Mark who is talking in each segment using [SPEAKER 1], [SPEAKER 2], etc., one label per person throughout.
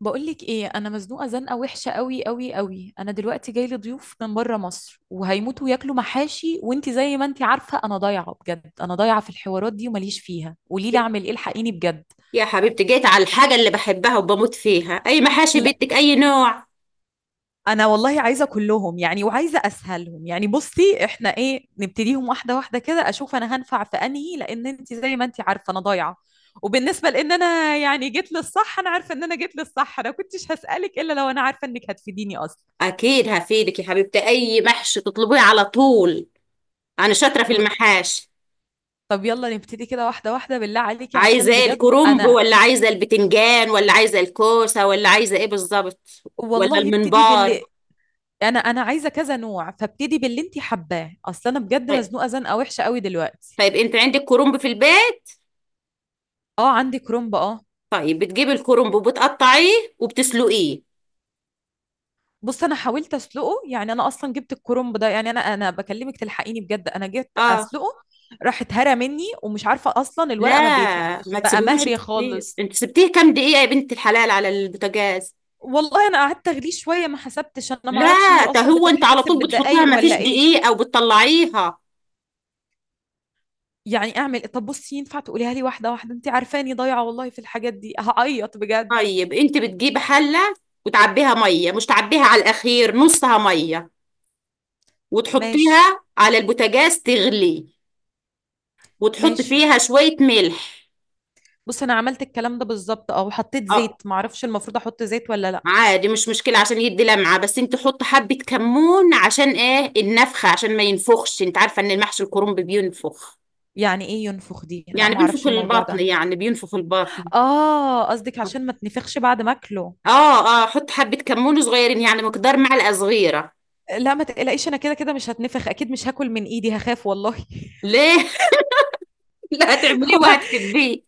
[SPEAKER 1] بقولك ايه، انا مزنوقه زنقه وحشه قوي قوي قوي. انا دلوقتي جاي لي ضيوف من بره مصر وهيموتوا ياكلوا محاشي، وانتي زي ما انتي عارفه انا ضايعه بجد. انا ضايعه في الحوارات دي ومليش فيها. قولي لي اعمل ايه، الحقيني بجد.
[SPEAKER 2] يا حبيبتي جيت على الحاجة اللي بحبها وبموت فيها. أي محاشي
[SPEAKER 1] لا،
[SPEAKER 2] بدك، أي نوع؟
[SPEAKER 1] انا والله عايزه كلهم يعني، وعايزه اسهلهم يعني. بصي احنا ايه، نبتديهم واحده واحده كده، اشوف انا هنفع في انهي، لان انت زي ما انت عارفه انا ضايعه. وبالنسبه لان انا يعني جيت للصح، انا عارفه ان انا جيت للصح، انا كنتش هسالك الا لو انا عارفه انك هتفيديني اصلا.
[SPEAKER 2] أكيد هفيدك يا حبيبتي، أي محشي تطلبيه على طول. أنا شاطرة في المحاشي.
[SPEAKER 1] طب يلا نبتدي كده واحدة واحدة، بالله عليكي
[SPEAKER 2] عايزة
[SPEAKER 1] عشان
[SPEAKER 2] إيه،
[SPEAKER 1] بجد
[SPEAKER 2] الكرنب
[SPEAKER 1] أنا.
[SPEAKER 2] ولا عايزة البتنجان ولا عايزة الكوسة ولا عايزة إيه بالظبط؟ ولا
[SPEAKER 1] والله ابتدي
[SPEAKER 2] المنبار؟
[SPEAKER 1] باللي أنا عايزة كذا نوع، فابتدي باللي أنتي حباه. أصل أنا بجد
[SPEAKER 2] طيب.
[SPEAKER 1] مزنوقة زنقة وحشة قوي دلوقتي.
[SPEAKER 2] طيب أنت عندك كرنب في البيت؟
[SPEAKER 1] أه عندي كرومب أه.
[SPEAKER 2] طيب بتجيبي الكرنب وبتقطعيه وبتسلقيه.
[SPEAKER 1] بص أنا حاولت أسلقه يعني. أنا أصلا جبت الكرومب ده، يعني أنا بكلمك تلحقيني بجد. أنا جيت
[SPEAKER 2] آه،
[SPEAKER 1] أسلقه، راح اتهرى مني، ومش عارفة أصلا
[SPEAKER 2] لا
[SPEAKER 1] الورقة ما بيتلفش،
[SPEAKER 2] ما
[SPEAKER 1] بقى
[SPEAKER 2] تسيبيهوش
[SPEAKER 1] مهري
[SPEAKER 2] كتير،
[SPEAKER 1] خالص.
[SPEAKER 2] أنت سبتيه كام دقيقة يا بنت الحلال على البوتاجاز؟
[SPEAKER 1] والله أنا قعدت أغليه شوية، ما حسبتش أنا، ما
[SPEAKER 2] لا،
[SPEAKER 1] أعرفش هي
[SPEAKER 2] ده
[SPEAKER 1] أصلا
[SPEAKER 2] هو انت على
[SPEAKER 1] بتتحسب
[SPEAKER 2] طول بتحطيها
[SPEAKER 1] بالدقايق
[SPEAKER 2] مفيش
[SPEAKER 1] ولا إيه.
[SPEAKER 2] دقيق او بتطلعيها؟
[SPEAKER 1] يعني اعمل إيه؟ طب بصي ينفع تقوليها لي واحده واحده، انت عارفاني ضايعه والله في الحاجات دي، هعيط بجد.
[SPEAKER 2] طيب انت بتجيبي حله وتعبيها ميه، مش تعبيها على الاخير، نصها ميه،
[SPEAKER 1] ماشي.
[SPEAKER 2] وتحطيها على البوتاجاز تغلي، وتحط
[SPEAKER 1] ماشي.
[SPEAKER 2] فيها شويه ملح.
[SPEAKER 1] بص انا عملت الكلام ده بالظبط، وحطيت
[SPEAKER 2] اه،
[SPEAKER 1] زيت، معرفش المفروض احط زيت ولا لا.
[SPEAKER 2] عادي مش مشكله عشان يدي لمعه، بس انت حط حبه كمون عشان ايه، النفخه، عشان ما ينفخش، انت عارفه ان المحشي الكرنب بينفخ.
[SPEAKER 1] يعني ايه ينفخ دي؟ لا
[SPEAKER 2] يعني بينفخ
[SPEAKER 1] معرفش الموضوع
[SPEAKER 2] البطن،
[SPEAKER 1] ده.
[SPEAKER 2] يعني بينفخ البطن.
[SPEAKER 1] اه قصدك عشان ما تنفخش بعد ما اكله.
[SPEAKER 2] اه اه، حط حبه كمون صغيرين يعني مقدار معلقه صغيره.
[SPEAKER 1] لا ما تقلقيش، انا كده كده مش هتنفخ اكيد، مش هاكل من ايدي، هخاف والله.
[SPEAKER 2] ليه؟ لا، هتعمليه وهتحبيه.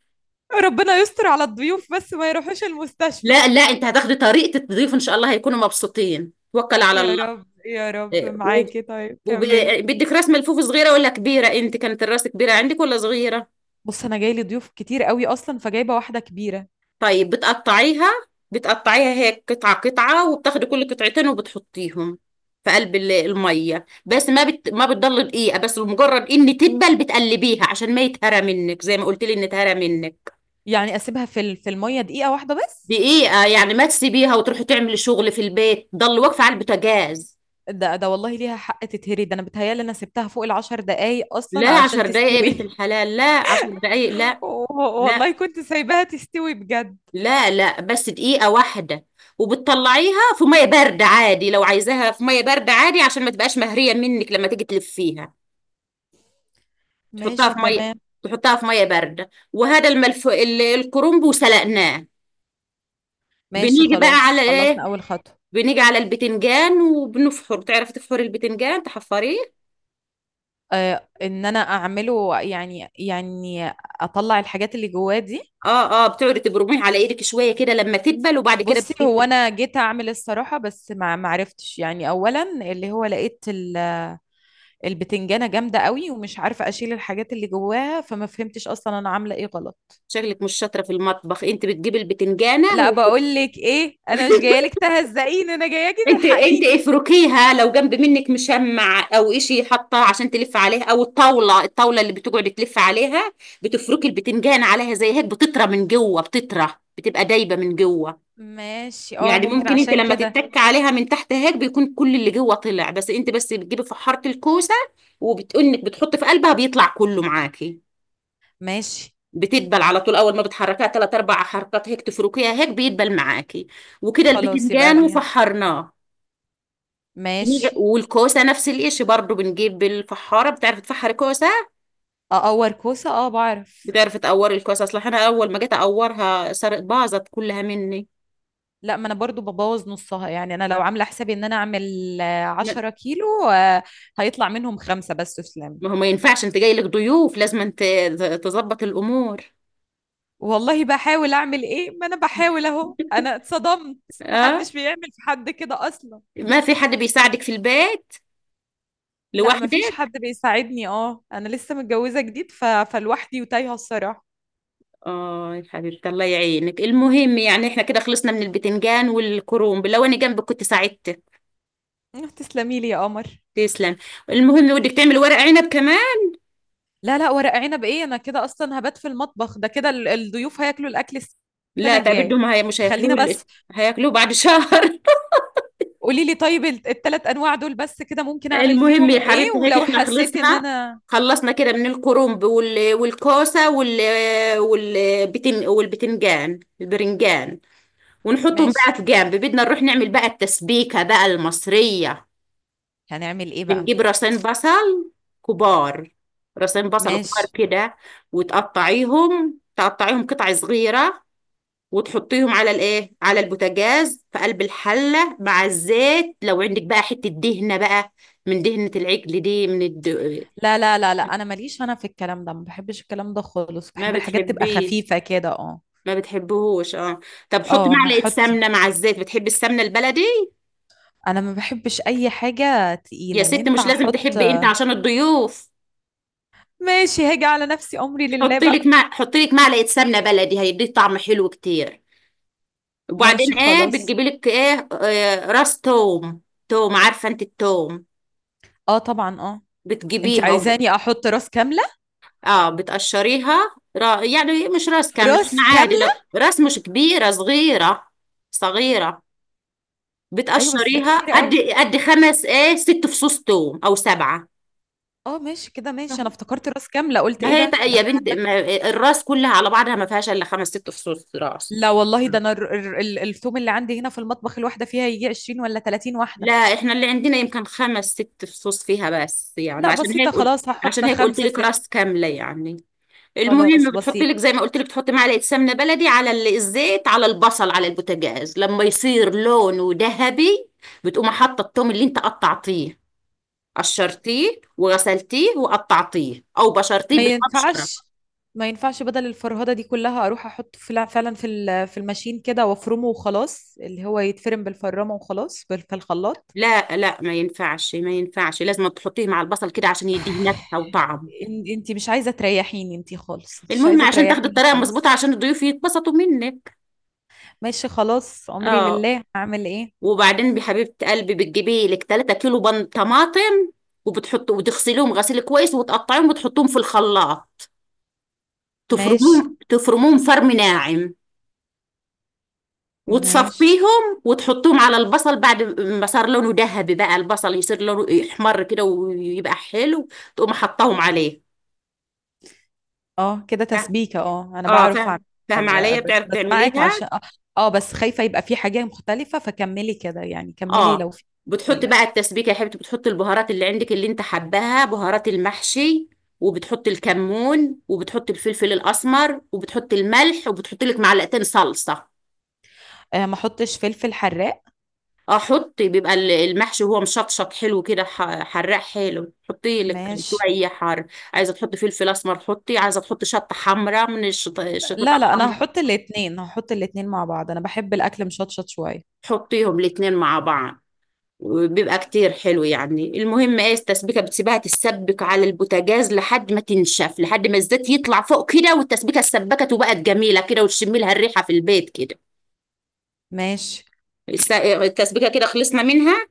[SPEAKER 1] ربنا يستر على الضيوف بس ما يروحوش المستشفى.
[SPEAKER 2] لا لا، انت هتاخدي طريقة تضيفه ان شاء الله هيكونوا مبسوطين، توكل على
[SPEAKER 1] يا
[SPEAKER 2] الله.
[SPEAKER 1] رب يا رب
[SPEAKER 2] إيه، وب-
[SPEAKER 1] معاكي، طيب
[SPEAKER 2] وب-
[SPEAKER 1] كملي.
[SPEAKER 2] بدك راس ملفوف صغيرة ولا كبيرة؟ انت كانت الراس كبيرة عندك ولا صغيرة؟
[SPEAKER 1] بص انا جاي لي ضيوف كتير قوي اصلا، فجايبه واحده كبيره.
[SPEAKER 2] طيب بتقطعيها. بتقطعيها هيك قطعة قطعة وبتاخدي كل قطعتين وبتحطيهم في قلب المية، بس ما بتضل دقيقة، بس مجرد ان تدبل بتقلبيها عشان ما يتهرى منك زي ما قلت لي ان اتهرى منك.
[SPEAKER 1] يعني اسيبها في في الميه دقيقه واحده بس؟
[SPEAKER 2] دقيقة، يعني ما تسيبيها وتروحي تعملي شغل في البيت، ضل واقفة على البوتاجاز.
[SPEAKER 1] ده والله ليها حق تتهري، ده انا بتهيالي انا سبتها فوق العشر دقايق اصلا
[SPEAKER 2] لا
[SPEAKER 1] علشان
[SPEAKER 2] 10 دقايق يا بنت
[SPEAKER 1] تستوي.
[SPEAKER 2] الحلال، لا 10 دقايق، لا
[SPEAKER 1] و-
[SPEAKER 2] لا.
[SPEAKER 1] والله كنت سايباها تستوي بجد.
[SPEAKER 2] لا. لا بس دقيقة واحدة. وبتطلعيها في مية باردة عادي، لو عايزاها في مية باردة عادي عشان ما تبقاش مهرية منك لما تيجي تلفيها. تحطها
[SPEAKER 1] ماشي
[SPEAKER 2] في مية،
[SPEAKER 1] تمام.
[SPEAKER 2] تحطها في مية باردة، وهذا الملف الكرنب وسلقناه.
[SPEAKER 1] ماشي
[SPEAKER 2] بنيجي بقى على
[SPEAKER 1] خلاص، خلصنا
[SPEAKER 2] ايه؟
[SPEAKER 1] اول خطوه.
[SPEAKER 2] بنيجي على البتنجان، وبنفحر. تعرفي تفحري البتنجان، تحفريه؟
[SPEAKER 1] آه ان انا اعمله يعني اطلع الحاجات اللي جواه دي.
[SPEAKER 2] اه اه، بتقعدي تبرميه على ايدك شوية كده لما تدبل، وبعد كده
[SPEAKER 1] بصي هو
[SPEAKER 2] بتجيبي.
[SPEAKER 1] انا جيت اعمل الصراحه بس ما عرفتش يعني، اولا اللي هو لقيت البتنجانة جامدة قوي، ومش عارفة أشيل الحاجات اللي جواها، فما فهمتش أصلا أنا عاملة إيه غلط.
[SPEAKER 2] شكلك مش شاطرة في المطبخ. انت بتجيبي البتنجانة،
[SPEAKER 1] لا بقول لك إيه، أنا مش جاية لك تهزقيني، أنا جاياكي
[SPEAKER 2] انت انت
[SPEAKER 1] تلحقيني.
[SPEAKER 2] افركيها لو جنب منك مشمع او اشي حاطاه عشان تلف عليها، او الطاوله، الطاوله اللي بتقعد تلف عليها. بتفركي البتنجان عليها زي هيك، بتطرى من جوه، بتطرى، بتبقى دايبه من جوه.
[SPEAKER 1] ماشي أه
[SPEAKER 2] يعني
[SPEAKER 1] ممكن
[SPEAKER 2] ممكن انت
[SPEAKER 1] عشان
[SPEAKER 2] لما
[SPEAKER 1] كده.
[SPEAKER 2] تتك عليها من تحت هيك بيكون كل اللي جوه طلع. بس انت بس بتجيبي فحاره الكوسه، وبتقنك بتحطي في قلبها بيطلع كله معاكي.
[SPEAKER 1] ماشي
[SPEAKER 2] بتدبل على طول، اول ما بتحركها ثلاث اربع حركات هيك تفركيها هيك بيدبل معاكي. وكده
[SPEAKER 1] خلاص، يبقى
[SPEAKER 2] البتنجان
[SPEAKER 1] دي.
[SPEAKER 2] وفحرناه.
[SPEAKER 1] ماشي.
[SPEAKER 2] والكوسه نفس القش برضو، بنجيب الفحاره. بتعرف تفحر كوسه؟
[SPEAKER 1] أقور كوسة؟ أه بعرف.
[SPEAKER 2] بتعرف تقور الكوسه؟ اصل انا اول ما جيت اقورها سرقت باظت كلها مني.
[SPEAKER 1] لا ما أنا برضو ببوظ نصها، يعني أنا لو عاملة حسابي إن أنا أعمل
[SPEAKER 2] ما
[SPEAKER 1] عشرة كيلو، آه، هيطلع منهم خمسة بس، سلام.
[SPEAKER 2] ما هو ما ينفعش، انت جاي لك ضيوف لازم انت تظبط الامور.
[SPEAKER 1] والله بحاول، أعمل إيه؟ ما أنا بحاول أهو، أنا اتصدمت،
[SPEAKER 2] اه،
[SPEAKER 1] محدش بيعمل في حد كده أصلا.
[SPEAKER 2] ما في حد بيساعدك في البيت؟
[SPEAKER 1] لا مفيش
[SPEAKER 2] لوحدك؟
[SPEAKER 1] حد بيساعدني، اه انا لسه متجوزه جديد، فلوحدي وتايهه الصراحه.
[SPEAKER 2] اه يا حبيبتي، الله يعينك. المهم يعني احنا كده خلصنا من البتنجان والكرنب. لو انا جنبك كنت ساعدتك.
[SPEAKER 1] تسلمي لي يا قمر.
[SPEAKER 2] تسلم. المهم بدك تعمل ورق عنب كمان.
[SPEAKER 1] لا لا ورق عنب ايه، انا كده اصلا هبات في المطبخ، ده كده الضيوف هياكلوا الاكل
[SPEAKER 2] لا،
[SPEAKER 1] السنه الجايه.
[SPEAKER 2] تعبدهم، هي مش هياكلوه
[SPEAKER 1] خلينا بس.
[SPEAKER 2] هياكلوه بعد شهر.
[SPEAKER 1] قولي لي طيب التلات انواع دول بس كده، ممكن اعمل
[SPEAKER 2] المهم
[SPEAKER 1] فيهم
[SPEAKER 2] يا
[SPEAKER 1] ايه،
[SPEAKER 2] حبيبتي هيك
[SPEAKER 1] ولو
[SPEAKER 2] احنا
[SPEAKER 1] حسيت ان
[SPEAKER 2] خلصنا،
[SPEAKER 1] انا.
[SPEAKER 2] خلصنا كده من الكرنب والكوسة والبتنجان، البرنجان. ونحطهم
[SPEAKER 1] ماشي.
[SPEAKER 2] بقى في جنب، بدنا نروح نعمل بقى التسبيكة بقى المصرية.
[SPEAKER 1] هنعمل ايه بقى؟
[SPEAKER 2] بنجيب راسين بصل كبار، راسين بصل كبار
[SPEAKER 1] ماشي.
[SPEAKER 2] كده. وتقطعيهم، تقطعيهم قطع صغيرة، وتحطيهم على الايه، على البوتاجاز في قلب الحلة مع الزيت، لو عندك بقى حتة دهنة بقى، من دهنة العجل دي،
[SPEAKER 1] لا لا لا لا، انا ماليش انا في الكلام ده، ما بحبش الكلام ده خالص،
[SPEAKER 2] ما
[SPEAKER 1] بحب الحاجات تبقى
[SPEAKER 2] بتحبيه،
[SPEAKER 1] خفيفه كده اه.
[SPEAKER 2] ما بتحبهوش اه. طب حطي
[SPEAKER 1] اه
[SPEAKER 2] معلقة
[SPEAKER 1] هحط.
[SPEAKER 2] سمنة مع الزيت، بتحبي السمنة البلدي؟
[SPEAKER 1] انا ما بحبش اي حاجه
[SPEAKER 2] يا
[SPEAKER 1] تقيله،
[SPEAKER 2] ست مش
[SPEAKER 1] ينفع
[SPEAKER 2] لازم
[SPEAKER 1] احط؟
[SPEAKER 2] تحبي انت، عشان الضيوف.
[SPEAKER 1] ماشي، هاجي على نفسي، امري لله بقى.
[SPEAKER 2] حطي لك معلقة سمنة بلدي، هيديك طعم حلو كتير. وبعدين
[SPEAKER 1] ماشي
[SPEAKER 2] ايه،
[SPEAKER 1] خلاص.
[SPEAKER 2] بتجيبي لك ايه، آه راس توم. توم عارفة انت التوم؟
[SPEAKER 1] اه طبعا اه. انت
[SPEAKER 2] بتجيبيها
[SPEAKER 1] عايزاني احط راس كامله؟
[SPEAKER 2] اه بتقشريها يعني مش راس كاملة،
[SPEAKER 1] راس
[SPEAKER 2] يعني عادي لو
[SPEAKER 1] كامله؟
[SPEAKER 2] راس مش كبيرة، صغيرة. صغيرة.
[SPEAKER 1] ايوه بس ده
[SPEAKER 2] بتقشريها
[SPEAKER 1] كتير
[SPEAKER 2] قد،
[SPEAKER 1] قوي.
[SPEAKER 2] قد خمس ايه، ست فصوص توم او سبعة.
[SPEAKER 1] اه ماشي كده، ماشي، انا افتكرت راس كامله، قلت
[SPEAKER 2] ما
[SPEAKER 1] ايه
[SPEAKER 2] هي تق-
[SPEAKER 1] ده
[SPEAKER 2] يا
[SPEAKER 1] احنا
[SPEAKER 2] بنت،
[SPEAKER 1] هنبات في
[SPEAKER 2] ما
[SPEAKER 1] المستشفى.
[SPEAKER 2] الراس كلها على بعضها ما فيهاش الا خمس ست فصوص راس.
[SPEAKER 1] لا والله، ده انا الثوم اللي عندي هنا في المطبخ، الواحده فيها يجي 20 ولا 30 واحده.
[SPEAKER 2] لا احنا اللي عندنا يمكن خمس ست فصوص فيها بس، يعني
[SPEAKER 1] لا
[SPEAKER 2] عشان
[SPEAKER 1] بسيطه
[SPEAKER 2] هيك قلت،
[SPEAKER 1] خلاص، هحط
[SPEAKER 2] عشان هيك قلت
[SPEAKER 1] خمسه
[SPEAKER 2] لك
[SPEAKER 1] ست.
[SPEAKER 2] راس كامله يعني. المهم
[SPEAKER 1] خلاص
[SPEAKER 2] بتحطي
[SPEAKER 1] بسيط.
[SPEAKER 2] لك زي ما قلت لك، تحطي معلقه سمنه بلدي على الزيت على البصل على البوتاجاز، لما يصير لونه ذهبي بتقوم حاطه الثوم اللي انت قطعتيه، قشرتيه وغسلتيه وقطعتيه، او بشرتيه
[SPEAKER 1] ما ينفعش
[SPEAKER 2] بالمبشره.
[SPEAKER 1] ما ينفعش، بدل الفرهدة دي كلها، اروح احطه في فعلا في في الماشين كده وافرمه وخلاص، اللي هو يتفرم بالفرامة وخلاص، في الخلاط.
[SPEAKER 2] لا لا ما ينفعش ما ينفعش، لازم تحطيه مع البصل كده عشان يديه نكهة وطعم.
[SPEAKER 1] انتي مش عايزة تريحيني انتي خالص، انتي مش
[SPEAKER 2] المهم
[SPEAKER 1] عايزة
[SPEAKER 2] عشان تاخدي
[SPEAKER 1] تريحيني
[SPEAKER 2] الطريقة
[SPEAKER 1] خالص.
[SPEAKER 2] مظبوطة عشان الضيوف يتبسطوا منك.
[SPEAKER 1] ماشي خلاص، عمري
[SPEAKER 2] اه،
[SPEAKER 1] لله، هعمل ايه.
[SPEAKER 2] وبعدين بحبيبة قلبي بتجيبي لك 3 كيلو بن طماطم، وبتحط وتغسليهم غسيل كويس وتقطعيهم وتحطيهم في الخلاط،
[SPEAKER 1] ماشي.
[SPEAKER 2] تفرموهم، تفرموهم فرم ناعم،
[SPEAKER 1] ماشي.
[SPEAKER 2] وتصفيهم، وتحطهم على البصل بعد ما صار لونه ذهبي بقى، البصل يصير لونه يحمر كده ويبقى حلو، تقوم حطاهم عليه.
[SPEAKER 1] اه كده تسبيكة، اه انا
[SPEAKER 2] اه
[SPEAKER 1] بعرف
[SPEAKER 2] فاهم،
[SPEAKER 1] اعمل.
[SPEAKER 2] فاهمة عليا،
[SPEAKER 1] بس
[SPEAKER 2] بتعرف
[SPEAKER 1] بسمعك
[SPEAKER 2] تعمليها.
[SPEAKER 1] عشان آه، بس خايفة يبقى في حاجة مختلفة، فكملي كده يعني، كملي
[SPEAKER 2] اه
[SPEAKER 1] لو في
[SPEAKER 2] بتحط
[SPEAKER 1] مختلفة.
[SPEAKER 2] بقى التسبيكة يا حبيبتي، بتحط البهارات اللي عندك اللي انت حباها، بهارات المحشي، وبتحط الكمون، وبتحط الفلفل الأسمر، وبتحط الملح، وبتحط لك 2 صلصة.
[SPEAKER 1] آه ما احطش فلفل حراق؟
[SPEAKER 2] اه حطي، بيبقى المحشي هو مشطشط حلو كده، حراق حلو، حطي لك
[SPEAKER 1] ماشي.
[SPEAKER 2] شوية حار. عايزة تحطي فلفل أسمر حطي، عايزة تحطي شطة حمراء من الشطة
[SPEAKER 1] لا لا، انا
[SPEAKER 2] الحمراء.
[SPEAKER 1] هحط الاتنين، هحط الاتنين مع بعض، انا بحب الاكل مشطشط شويه.
[SPEAKER 2] حطيهم الاتنين مع بعض، وبيبقى كتير حلو يعني. المهم ايه، التسبيكة بتسيبها تتسبك على البوتاجاز لحد ما تنشف، لحد ما الزيت يطلع فوق كده، والتسبيكة اتسبكت وبقت جميلة كده، وتشمي لها الريحة في البيت كده.
[SPEAKER 1] ماشي.
[SPEAKER 2] التسبيكة كده خلصنا منها.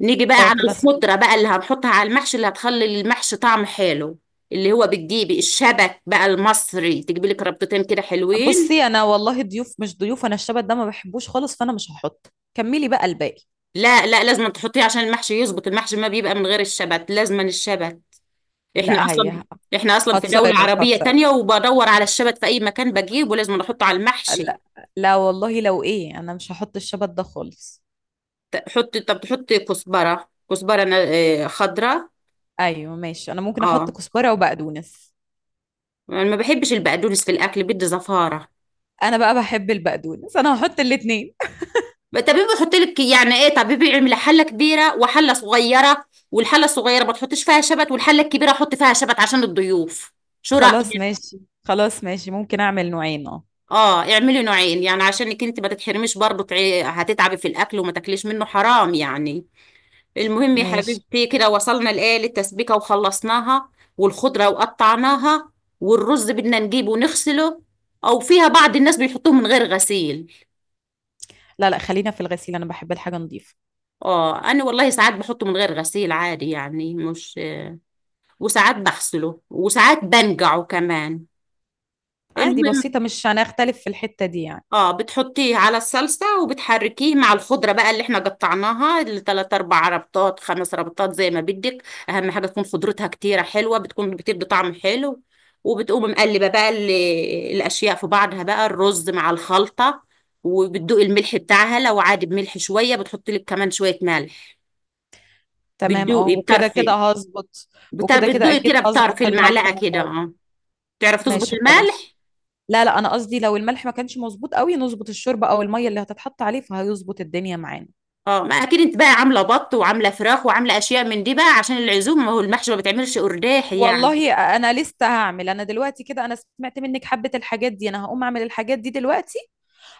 [SPEAKER 2] نيجي بقى
[SPEAKER 1] اه
[SPEAKER 2] على
[SPEAKER 1] كده خلص.
[SPEAKER 2] الخضرة بقى اللي هنحطها على المحشي، اللي هتخلي المحشي طعم حلو، اللي هو بتجيبي الشبك بقى المصري، تجيبي لك ربطتين كده حلوين.
[SPEAKER 1] بصي انا والله ضيوف مش ضيوف، انا الشبت ده ما بحبوش خالص، فانا مش هحط، كملي بقى الباقي.
[SPEAKER 2] لا لا، لازم تحطيه عشان المحشي يظبط، المحشي ما بيبقى من غير الشبت، لازم الشبت. احنا
[SPEAKER 1] لا
[SPEAKER 2] اصلا،
[SPEAKER 1] هي
[SPEAKER 2] احنا اصلا في دولة
[SPEAKER 1] هتصرف
[SPEAKER 2] عربية
[SPEAKER 1] هتصرف.
[SPEAKER 2] تانية وبدور على الشبت في اي مكان بجيبه لازم احطه على المحشي.
[SPEAKER 1] لا. لا والله لو ايه، انا مش هحط الشبت ده خالص.
[SPEAKER 2] حط، طب تحط كزبرة، كزبرة، خضرة.
[SPEAKER 1] ايوه ماشي، انا ممكن احط
[SPEAKER 2] اه
[SPEAKER 1] كزبره وبقدونس.
[SPEAKER 2] انا ما بحبش البقدونس في الاكل، بدي زفارة.
[SPEAKER 1] انا بقى بحب البقدونس، انا هحط الاتنين.
[SPEAKER 2] طب بيحط لك يعني ايه، طب بيعمل حلة كبيرة وحلة صغيرة، والحلة الصغيرة ما تحطش فيها شبت، والحلة الكبيرة حط فيها شبت عشان الضيوف. شو
[SPEAKER 1] خلاص
[SPEAKER 2] رأيك؟
[SPEAKER 1] ماشي، خلاص ماشي، ممكن اعمل نوعين اه.
[SPEAKER 2] اه اعملي نوعين، يعني عشانك انت ما تتحرميش برضه، هتتعبي في الاكل وما تاكليش منه حرام يعني. المهم يا
[SPEAKER 1] ماشي.
[SPEAKER 2] حبيبتي كده وصلنا لإيه، للتسبيكة وخلصناها، والخضرة وقطعناها، والرز بدنا نجيبه ونغسله. أو فيها بعض الناس بيحطوه من غير غسيل.
[SPEAKER 1] لا لا خلينا في الغسيل، انا بحب الحاجه نظيفه.
[SPEAKER 2] اه أنا والله ساعات بحطه من غير غسيل عادي يعني، مش وساعات بغسله وساعات بنقعه كمان.
[SPEAKER 1] عادي
[SPEAKER 2] المهم
[SPEAKER 1] بسيطة، مش هنختلف في الحتة دي يعني.
[SPEAKER 2] اه بتحطيه على الصلصة، وبتحركيه مع الخضرة بقى اللي احنا قطعناها، التلات اربع ربطات، خمس ربطات زي ما بدك. اهم حاجة تكون خضرتها كتيرة حلوة، بتكون بتدي طعم حلو. وبتقوم مقلبة بقى الاشياء في بعضها بقى، الرز مع الخلطة، وبتدوقي الملح بتاعها لو عادي بملح شوية، بتحطي لك كمان شوية ملح.
[SPEAKER 1] تمام اه،
[SPEAKER 2] بتدوقي
[SPEAKER 1] وكده
[SPEAKER 2] بطرف،
[SPEAKER 1] كده هظبط. وكده كده
[SPEAKER 2] بتدوقي
[SPEAKER 1] اكيد
[SPEAKER 2] كده بطرف
[SPEAKER 1] هظبط الملح
[SPEAKER 2] المعلقة
[SPEAKER 1] من
[SPEAKER 2] كده
[SPEAKER 1] بره.
[SPEAKER 2] اه. تعرف تظبط
[SPEAKER 1] ماشي
[SPEAKER 2] الملح.
[SPEAKER 1] خلاص. لا لا، انا قصدي لو الملح ما كانش مظبوط قوي، نظبط الشوربة او المية اللي هتتحط عليه، فهيظبط الدنيا معانا.
[SPEAKER 2] اه ما اكيد انت بقى عامله بط وعامله فراخ وعامله اشياء من دي بقى عشان العزومه، ما هو المحشي ما بتعملش قرداح يعني.
[SPEAKER 1] والله انا لسه هعمل، انا دلوقتي كده انا سمعت منك حبة الحاجات دي، انا هقوم اعمل الحاجات دي دلوقتي،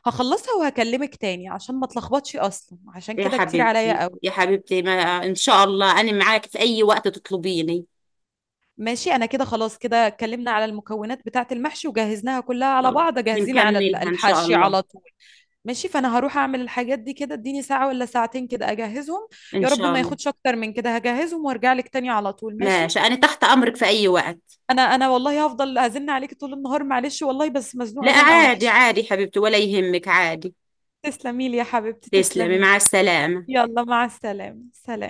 [SPEAKER 1] هخلصها وهكلمك تاني عشان ما اتلخبطش، اصلا عشان
[SPEAKER 2] يا
[SPEAKER 1] كده كتير عليا
[SPEAKER 2] حبيبتي،
[SPEAKER 1] قوي.
[SPEAKER 2] يا حبيبتي، ما ان شاء الله انا معاك في اي وقت تطلبيني.
[SPEAKER 1] ماشي انا كده خلاص، كده اتكلمنا على المكونات بتاعة المحشي وجهزناها كلها على
[SPEAKER 2] خلاص
[SPEAKER 1] بعض، جاهزين على
[SPEAKER 2] بنكملها ان شاء
[SPEAKER 1] الحشي
[SPEAKER 2] الله.
[SPEAKER 1] على طول. ماشي، فانا هروح اعمل الحاجات دي كده، اديني ساعة ولا ساعتين كده اجهزهم.
[SPEAKER 2] ان
[SPEAKER 1] يا رب
[SPEAKER 2] شاء
[SPEAKER 1] ما
[SPEAKER 2] الله.
[SPEAKER 1] ياخدش اكتر من كده، هجهزهم وارجع لك تاني على طول، ماشي.
[SPEAKER 2] ماشي، انا تحت امرك في اي وقت.
[SPEAKER 1] انا والله هفضل ازن عليكي طول النهار، معلش والله بس
[SPEAKER 2] لا
[SPEAKER 1] مزنوقة زنقة
[SPEAKER 2] عادي
[SPEAKER 1] وحش.
[SPEAKER 2] عادي حبيبتي، ولا يهمك عادي.
[SPEAKER 1] تسلمي لي يا حبيبتي،
[SPEAKER 2] تسلمي
[SPEAKER 1] تسلمي لي.
[SPEAKER 2] مع السلامه.
[SPEAKER 1] يلا مع السلامة، سلام.